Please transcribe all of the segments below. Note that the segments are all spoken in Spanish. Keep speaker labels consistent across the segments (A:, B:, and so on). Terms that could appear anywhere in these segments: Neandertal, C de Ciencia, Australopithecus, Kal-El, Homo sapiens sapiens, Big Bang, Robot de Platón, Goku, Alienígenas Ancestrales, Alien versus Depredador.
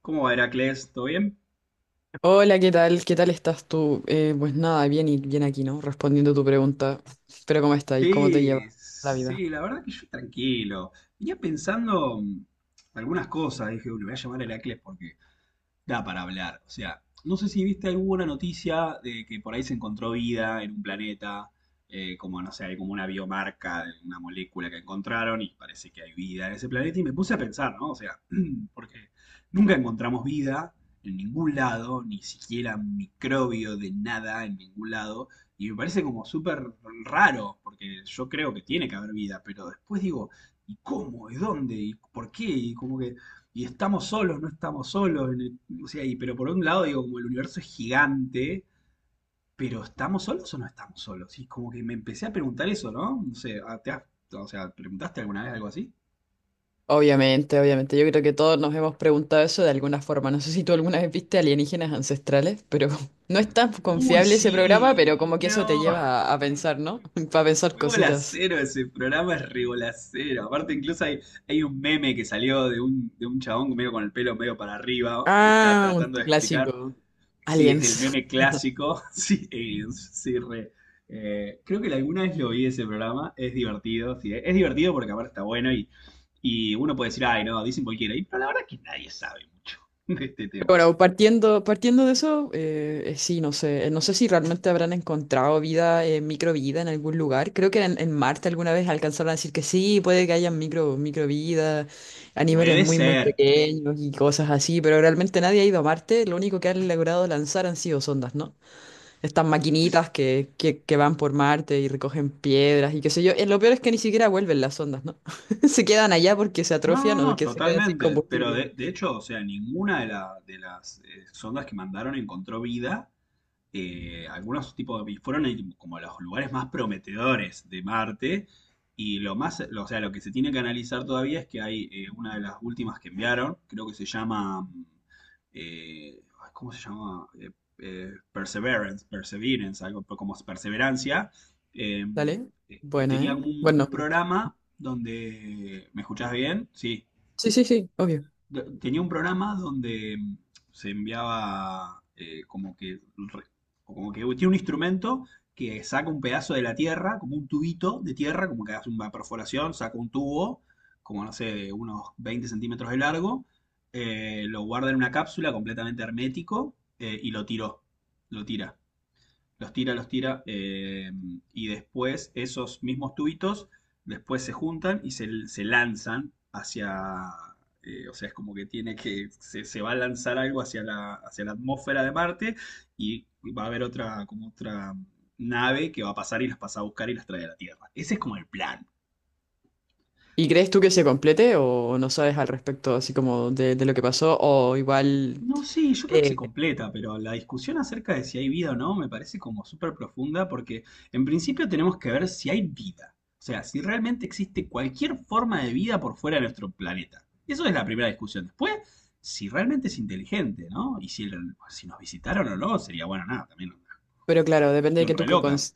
A: ¿Cómo va, Heracles? ¿Todo bien?
B: Hola, ¿qué tal? ¿Qué tal estás tú? Pues nada, bien y bien aquí, ¿no? Respondiendo tu pregunta. Pero ¿cómo estás y cómo te
A: Sí,
B: lleva la vida?
A: sí, la verdad que yo tranquilo. Venía pensando algunas cosas, dije, "Uy, le voy a llamar a Heracles porque da para hablar." O sea, no sé si viste alguna noticia de que por ahí se encontró vida en un planeta, como no sé, hay como una biomarca de una molécula que encontraron y parece que hay vida en ese planeta. Y me puse a pensar, ¿no? O sea, porque nunca encontramos vida en ningún lado, ni siquiera microbio de nada en ningún lado. Y me parece como súper raro, porque yo creo que tiene que haber vida, pero después digo, ¿y cómo? ¿Y dónde? ¿Y por qué? Y como que y estamos solos, no estamos solos. O sea, pero por un lado, digo, como el universo es gigante, pero ¿estamos solos o no estamos solos? Y como que me empecé a preguntar eso, ¿no? No sé, o sea, ¿preguntaste alguna vez algo así?
B: Obviamente, obviamente. Yo creo que todos nos hemos preguntado eso de alguna forma. No sé si tú alguna vez viste Alienígenas Ancestrales, pero no es tan
A: Uy,
B: confiable ese programa,
A: sí,
B: pero como que eso te
A: no,
B: lleva a
A: es
B: pensar, ¿no?
A: muy,
B: Para pensar
A: muy
B: cositas.
A: bolacero ese programa, es re bolacero. Aparte, incluso hay un meme que salió de un chabón medio con el pelo medio para arriba, que está
B: Ah, un
A: tratando de explicar.
B: clásico.
A: Sí, es el
B: Aliens.
A: meme clásico. Sí, aliens, sí, re. Creo que alguna vez lo vi ese programa. Es divertido, sí. Es divertido porque aparte está bueno y uno puede decir, ay, no, dicen cualquiera. Pero la verdad es que nadie sabe mucho de este tema.
B: Bueno, partiendo de eso, sí, no sé, no sé si realmente habrán encontrado vida, microvida en algún lugar. Creo que en Marte alguna vez alcanzaron a decir que sí, puede que haya micro, microvida a niveles
A: Puede
B: muy, muy
A: ser.
B: pequeños y cosas así, pero realmente nadie ha ido a Marte. Lo único que han logrado lanzar han sido sondas, ¿no? Estas
A: Es-
B: maquinitas que van por Marte y recogen piedras y qué sé yo. Lo peor es que ni siquiera vuelven las sondas, ¿no? Se quedan allá porque se
A: no, no,
B: atrofian o
A: no,
B: que se quedan sin
A: totalmente. Pero
B: combustible.
A: de hecho, o sea, ninguna de las sondas que mandaron encontró vida. Algunos tipos de, como los lugares más prometedores de Marte. Y o sea, lo que se tiene que analizar todavía es que hay una de las últimas que enviaron, creo que se llama, ay, ¿cómo se llama? Perseverance, algo como perseverancia. eh,
B: ¿Dale? Buena,
A: Tenía
B: ¿eh?
A: como un,
B: Buen
A: un
B: nombre.
A: programa donde, ¿me escuchás bien? Sí.
B: Sí, sí, sí, obvio.
A: Tenía un programa donde se enviaba o como que tiene un instrumento que saca un pedazo de la tierra, como un tubito de tierra, como que hace una perforación, saca un tubo, como no sé, de unos 20 cm de largo, lo guarda en una cápsula completamente hermético y lo tira los tira, y después esos mismos tubitos después se juntan y se lanzan hacia, o sea, es como que se va a lanzar algo hacia la atmósfera de Marte y va a haber otra, como otra nave que va a pasar y las pasa a buscar y las trae a la Tierra. Ese es como el plan.
B: ¿Y crees tú que se complete o no sabes al respecto así como de lo que pasó o igual...
A: No, sí, yo creo que se
B: Eh,
A: completa, pero la discusión acerca de si hay vida o no me parece como súper profunda porque en principio tenemos que ver si hay vida, o sea, si realmente existe cualquier forma de vida por fuera de nuestro planeta. Eso es la primera discusión. Después, si realmente es inteligente, ¿no? Y si nos visitaron o no, sería bueno, nada, también
B: pero
A: otra
B: claro, depende de
A: discusión
B: que
A: re loca.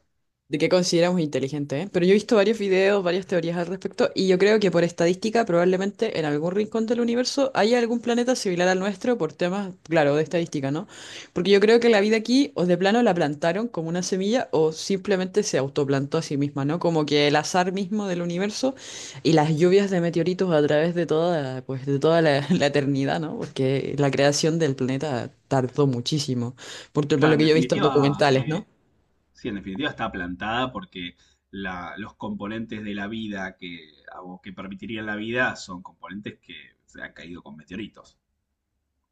B: de qué consideramos inteligente, ¿eh? Pero yo he visto varios videos, varias teorías al respecto, y yo creo que por estadística, probablemente en algún rincón del universo haya algún planeta similar al nuestro por temas, claro, de estadística, ¿no? Porque yo creo que la vida aquí, o de plano la plantaron como una semilla, o simplemente se autoplantó a sí misma, ¿no? Como que el azar mismo del universo y las lluvias de meteoritos a través de toda, pues, de toda la, la eternidad, ¿no? Porque la creación del planeta tardó muchísimo. Por
A: Claro,
B: lo
A: en
B: que yo he visto en
A: definitiva,
B: documentales,
A: sí.
B: ¿no?
A: Sí, en definitiva está plantada porque los componentes de la vida que que permitirían la vida son componentes que se han caído con meteoritos.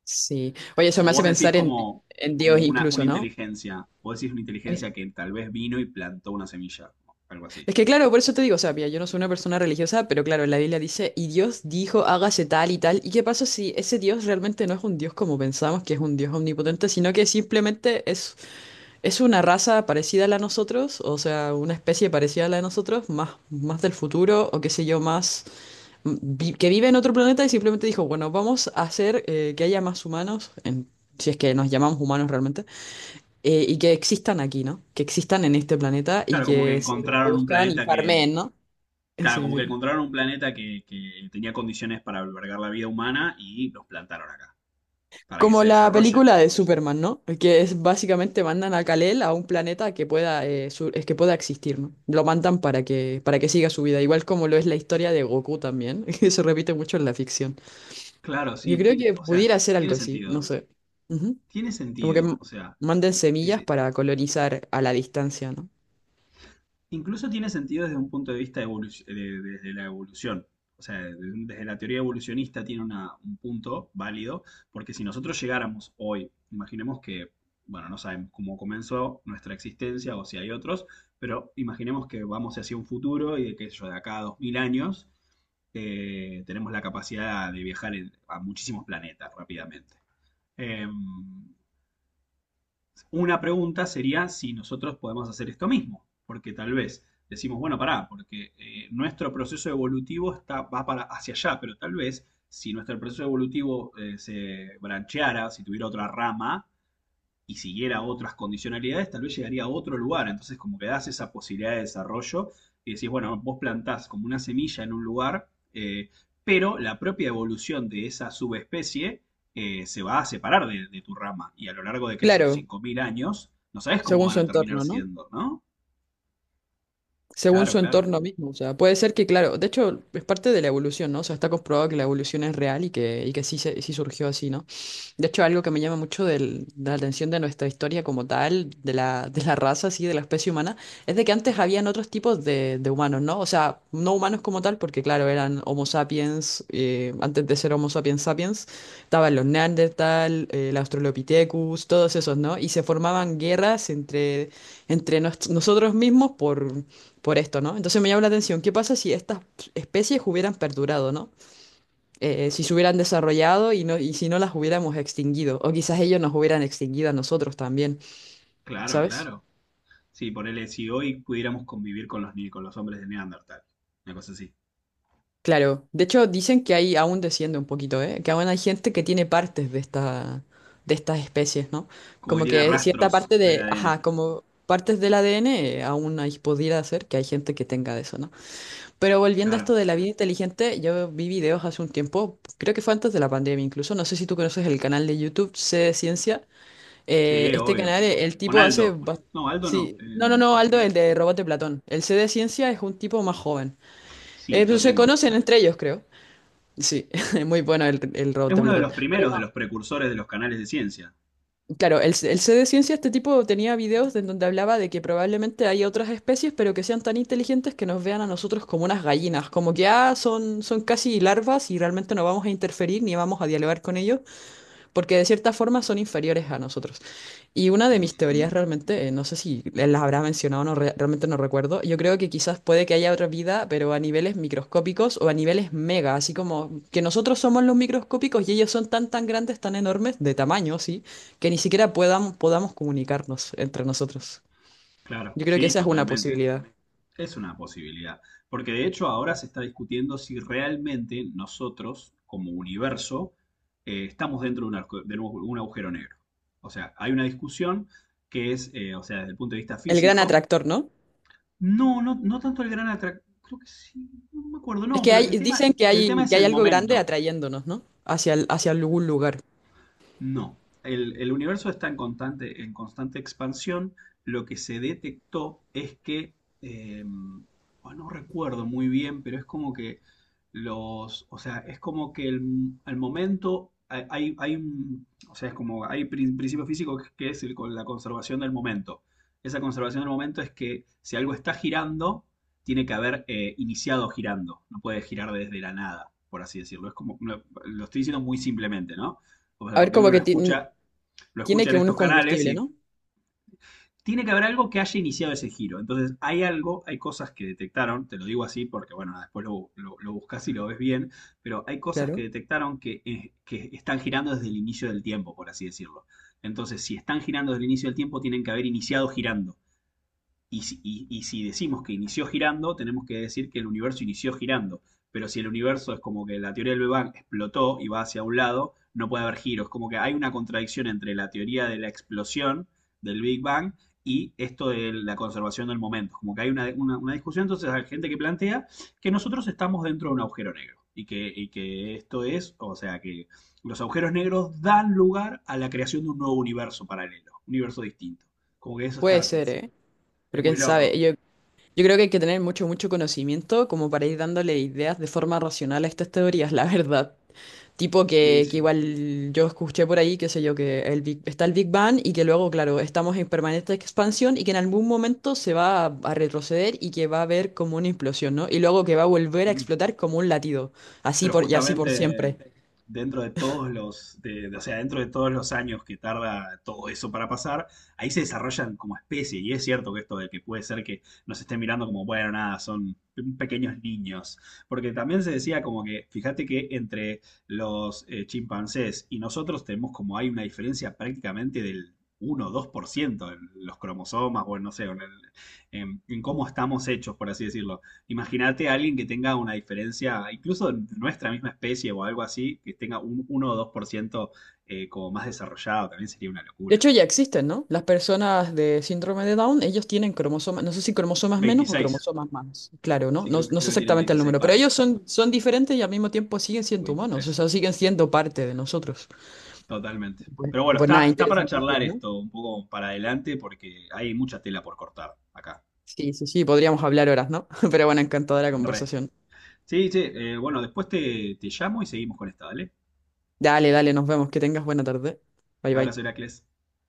B: Sí. Oye,
A: O
B: eso me hace
A: vos decís
B: pensar
A: como,
B: en
A: como
B: Dios
A: una
B: incluso, ¿no?
A: inteligencia, vos decís una
B: Es,
A: inteligencia que tal vez vino y plantó una semilla, algo así.
B: es que claro, por eso te digo, o sea, mira, yo no soy una persona religiosa, pero claro, la Biblia dice, y Dios dijo, hágase tal y tal. ¿Y qué pasa si ese Dios realmente no es un Dios como pensamos, que es un Dios omnipotente, sino que simplemente es una raza parecida a la de nosotros, o sea, una especie parecida a la de nosotros, más, más del futuro, o qué sé yo, más que vive en otro planeta y simplemente dijo, bueno, vamos a hacer que haya más humanos, si es que nos llamamos humanos realmente, y que existan aquí, ¿no? Que existan en este planeta y
A: Claro, como que
B: que se
A: encontraron un
B: reproduzcan y
A: planeta que,
B: farmeen, ¿no? Sí,
A: claro, como que
B: sí.
A: encontraron un planeta que tenía condiciones para albergar la vida humana y los plantaron acá, para que
B: Como
A: se
B: la
A: desarrollen.
B: película de Superman, ¿no? Que es básicamente mandan a Kal-El a un planeta que pueda, es que pueda existir, ¿no? Lo mandan para que siga su vida, igual como lo es la historia de Goku también, que se repite mucho en la ficción.
A: Claro,
B: Yo
A: sí,
B: creo que
A: o sea,
B: pudiera ser
A: tiene
B: algo así, no
A: sentido,
B: sé.
A: tiene
B: Como que
A: sentido, o sea.
B: manden
A: Sí,
B: semillas
A: sí.
B: para colonizar a la distancia, ¿no?
A: Incluso tiene sentido desde un punto de vista desde la evolución. O sea, desde la teoría evolucionista tiene un punto válido, porque si nosotros llegáramos hoy, imaginemos que, bueno, no sabemos cómo comenzó nuestra existencia o si hay otros, pero imaginemos que vamos hacia un futuro y de qué sé yo, de acá a 2000 años, tenemos la capacidad de viajar a muchísimos planetas rápidamente. Em, una pregunta sería si nosotros podemos hacer esto mismo, porque tal vez decimos, bueno, pará, porque nuestro proceso evolutivo va para, hacia allá, pero tal vez si nuestro proceso evolutivo se brancheara, si tuviera otra rama, y siguiera otras condicionalidades, tal vez llegaría a otro lugar. Entonces, como que das esa posibilidad de desarrollo y decís, bueno, vos plantás como una semilla en un lugar, pero la propia evolución de esa subespecie se va a separar de tu rama. Y a lo largo de aquellos
B: Claro,
A: 5000 años, no sabes cómo
B: según
A: van
B: su
A: a terminar
B: entorno, ¿no?
A: siendo, ¿no?
B: Según
A: Claro,
B: su
A: claro,
B: entorno mismo, o sea, puede ser que, claro, de hecho, es parte de la evolución, ¿no? O sea, está comprobado que la evolución es real y que sí, sí surgió así, ¿no? De hecho, algo que me llama mucho de la atención de nuestra historia como tal, de la raza, así, de la especie humana, es de que antes habían otros tipos de humanos, ¿no? O sea, no humanos como tal, porque claro, eran Homo sapiens, antes de ser Homo sapiens sapiens, estaban los Neandertal, el Australopithecus, todos esos, ¿no? Y se formaban guerras entre, entre nosotros mismos por esto, ¿no? Entonces me llama la atención, ¿qué pasa si estas especies hubieran perdurado, ¿no? Si se hubieran desarrollado y, no, y si no las hubiéramos extinguido, o quizás ellos nos hubieran extinguido a nosotros también,
A: claro,
B: ¿sabes?
A: claro. Sí, ponele, si hoy pudiéramos convivir con los, ni- con los hombres de Neandertal, una cosa así.
B: Claro, de hecho dicen que ahí aún desciende un poquito, ¿eh? Que aún hay gente que tiene partes de esta, de estas especies, ¿no?
A: Como que
B: Como
A: tiene
B: que cierta
A: rastros
B: parte
A: en el
B: de,
A: ADN.
B: ajá, como partes del ADN, aún ahí pudiera ser que hay gente que tenga de eso, ¿no? Pero volviendo a
A: Claro.
B: esto de la vida inteligente, yo vi videos hace un tiempo, creo que fue antes de la pandemia incluso, no sé si tú conoces el canal de YouTube C de Ciencia.
A: Sí,
B: Este
A: obvio.
B: canal, el
A: Con
B: tipo hace...
A: Aldo. No, Aldo no.
B: Sí, no, no, no,
A: El
B: Aldo,
A: pibe
B: el de
A: este.
B: Robot de Platón. El C de Ciencia es un tipo más joven.
A: Sí, lo
B: Pues se
A: tengo.
B: conocen entre ellos, creo. Sí, muy bueno el Robot
A: Es
B: de
A: uno de
B: Platón.
A: los primeros de
B: Pero
A: los precursores de los canales de ciencia.
B: no, claro, el C de Ciencia, este tipo tenía videos en donde hablaba de que probablemente hay otras especies, pero que sean tan inteligentes que nos vean a nosotros como unas gallinas. Como que, ah, son, son casi larvas y realmente no vamos a interferir ni vamos a dialogar con ellos, porque de cierta forma son inferiores a nosotros. Y una de mis
A: Ujú.
B: teorías realmente, no sé si las habrás mencionado, realmente no recuerdo, yo creo que quizás puede que haya otra vida, pero a niveles microscópicos o a niveles mega, así como que nosotros somos los microscópicos y ellos son tan tan grandes, tan enormes, de tamaño, sí, que ni siquiera puedan, podamos comunicarnos entre nosotros.
A: Claro,
B: Yo creo que
A: sí,
B: esa es una
A: totalmente.
B: posibilidad.
A: Es una posibilidad. Porque de hecho ahora se está discutiendo si realmente nosotros, como universo, estamos dentro de de un agujero negro. O sea, hay una discusión que es, o sea, desde el punto de vista
B: El gran
A: físico.
B: atractor, ¿no?
A: No, no, no tanto el gran atractivo. Creo que sí, no me acuerdo.
B: Es
A: No,
B: que
A: pero
B: hay, dicen
A: el tema es
B: que hay
A: el
B: algo grande
A: momento.
B: atrayéndonos, ¿no? Hacia, hacia algún lugar.
A: No, el universo está en constante expansión. Lo que se detectó es que, eh, oh, no recuerdo muy bien, pero es como que o sea, es como que al momento o sea, es como hay principio físico que es el con la conservación del momento. Esa conservación del momento es que si algo está girando, tiene que haber iniciado girando. No puede girar desde la nada, por así decirlo. Es como, lo estoy diciendo muy simplemente, ¿no? O sea,
B: A ver,
A: porque
B: como
A: uno lo
B: que
A: escucha, lo
B: tiene
A: escucha en
B: que un
A: estos canales
B: combustible,
A: y
B: ¿no?
A: tiene que haber algo que haya iniciado ese giro. Entonces, hay algo, hay cosas que detectaron, te lo digo así porque, bueno, nada, después lo buscas y lo ves bien, pero hay cosas que
B: Claro.
A: detectaron que están girando desde el inicio del tiempo, por así decirlo. Entonces, si están girando desde el inicio del tiempo, tienen que haber iniciado girando. Y si decimos que inició girando, tenemos que decir que el universo inició girando. Pero si el universo es como que la teoría del Big Bang explotó y va hacia un lado, no puede haber giros. Como que hay una contradicción entre la teoría de la explosión del Big Bang y esto de la conservación del momento. Como que hay una discusión, entonces hay gente que plantea que nosotros estamos dentro de un agujero negro. Y que esto es, o sea, que los agujeros negros dan lugar a la creación de un nuevo universo paralelo, un universo distinto. Como que eso
B: Puede ser,
A: es,
B: ¿eh?
A: es
B: Pero quién
A: muy
B: sabe,
A: loco.
B: yo creo que hay que tener mucho, mucho conocimiento como para ir dándole ideas de forma racional a estas teorías, la verdad. Tipo
A: Sí,
B: que
A: sí.
B: igual yo escuché por ahí, qué sé yo, que está el Big Bang y que luego, claro, estamos en permanente expansión y que en algún momento se va a retroceder y que va a haber como una implosión, ¿no? Y luego que va a volver a
A: Mm.
B: explotar como un latido,
A: Pero
B: y así por
A: justamente
B: siempre.
A: dentro de todos o sea, dentro de todos los años que tarda todo eso para pasar, ahí se desarrollan como especie. Y es cierto que esto de que puede ser que nos estén mirando como, bueno, nada, son pequeños niños. Porque también se decía como que, fíjate que entre los chimpancés y nosotros tenemos como hay una diferencia prácticamente del 1 o 2% en los cromosomas o no sé, en, el- en cómo estamos hechos, por así decirlo. Imagínate a alguien que tenga una diferencia, incluso de nuestra misma especie o algo así, que tenga un uno o 2% como más desarrollado, también sería una
B: De
A: locura.
B: hecho, ya existen, ¿no? Las personas de síndrome de Down, ellos tienen cromosomas, no sé si cromosomas menos o
A: Veintiséis.
B: cromosomas más, claro, ¿no?
A: Sí,
B: No,
A: creo que,
B: no sé
A: creo que tienen
B: exactamente el
A: 26
B: número, pero
A: pares,
B: ellos son, son diferentes y al mismo tiempo siguen
A: o
B: siendo humanos, o
A: 23.
B: sea, siguen siendo parte de nosotros.
A: Totalmente. Pero
B: Y
A: bueno,
B: pues nada,
A: está para charlar
B: interesantísimo, ¿no?
A: esto un poco para adelante porque hay mucha tela por cortar acá.
B: Sí, sí, sí, podríamos hablar horas, ¿no? Pero bueno, encantadora
A: Re.
B: conversación.
A: Sí, sí, bueno, después te llamo y seguimos con esta, ¿vale?
B: Dale, dale, nos vemos, que tengas buena tarde. Bye,
A: Abrazo,
B: bye.
A: Heracles.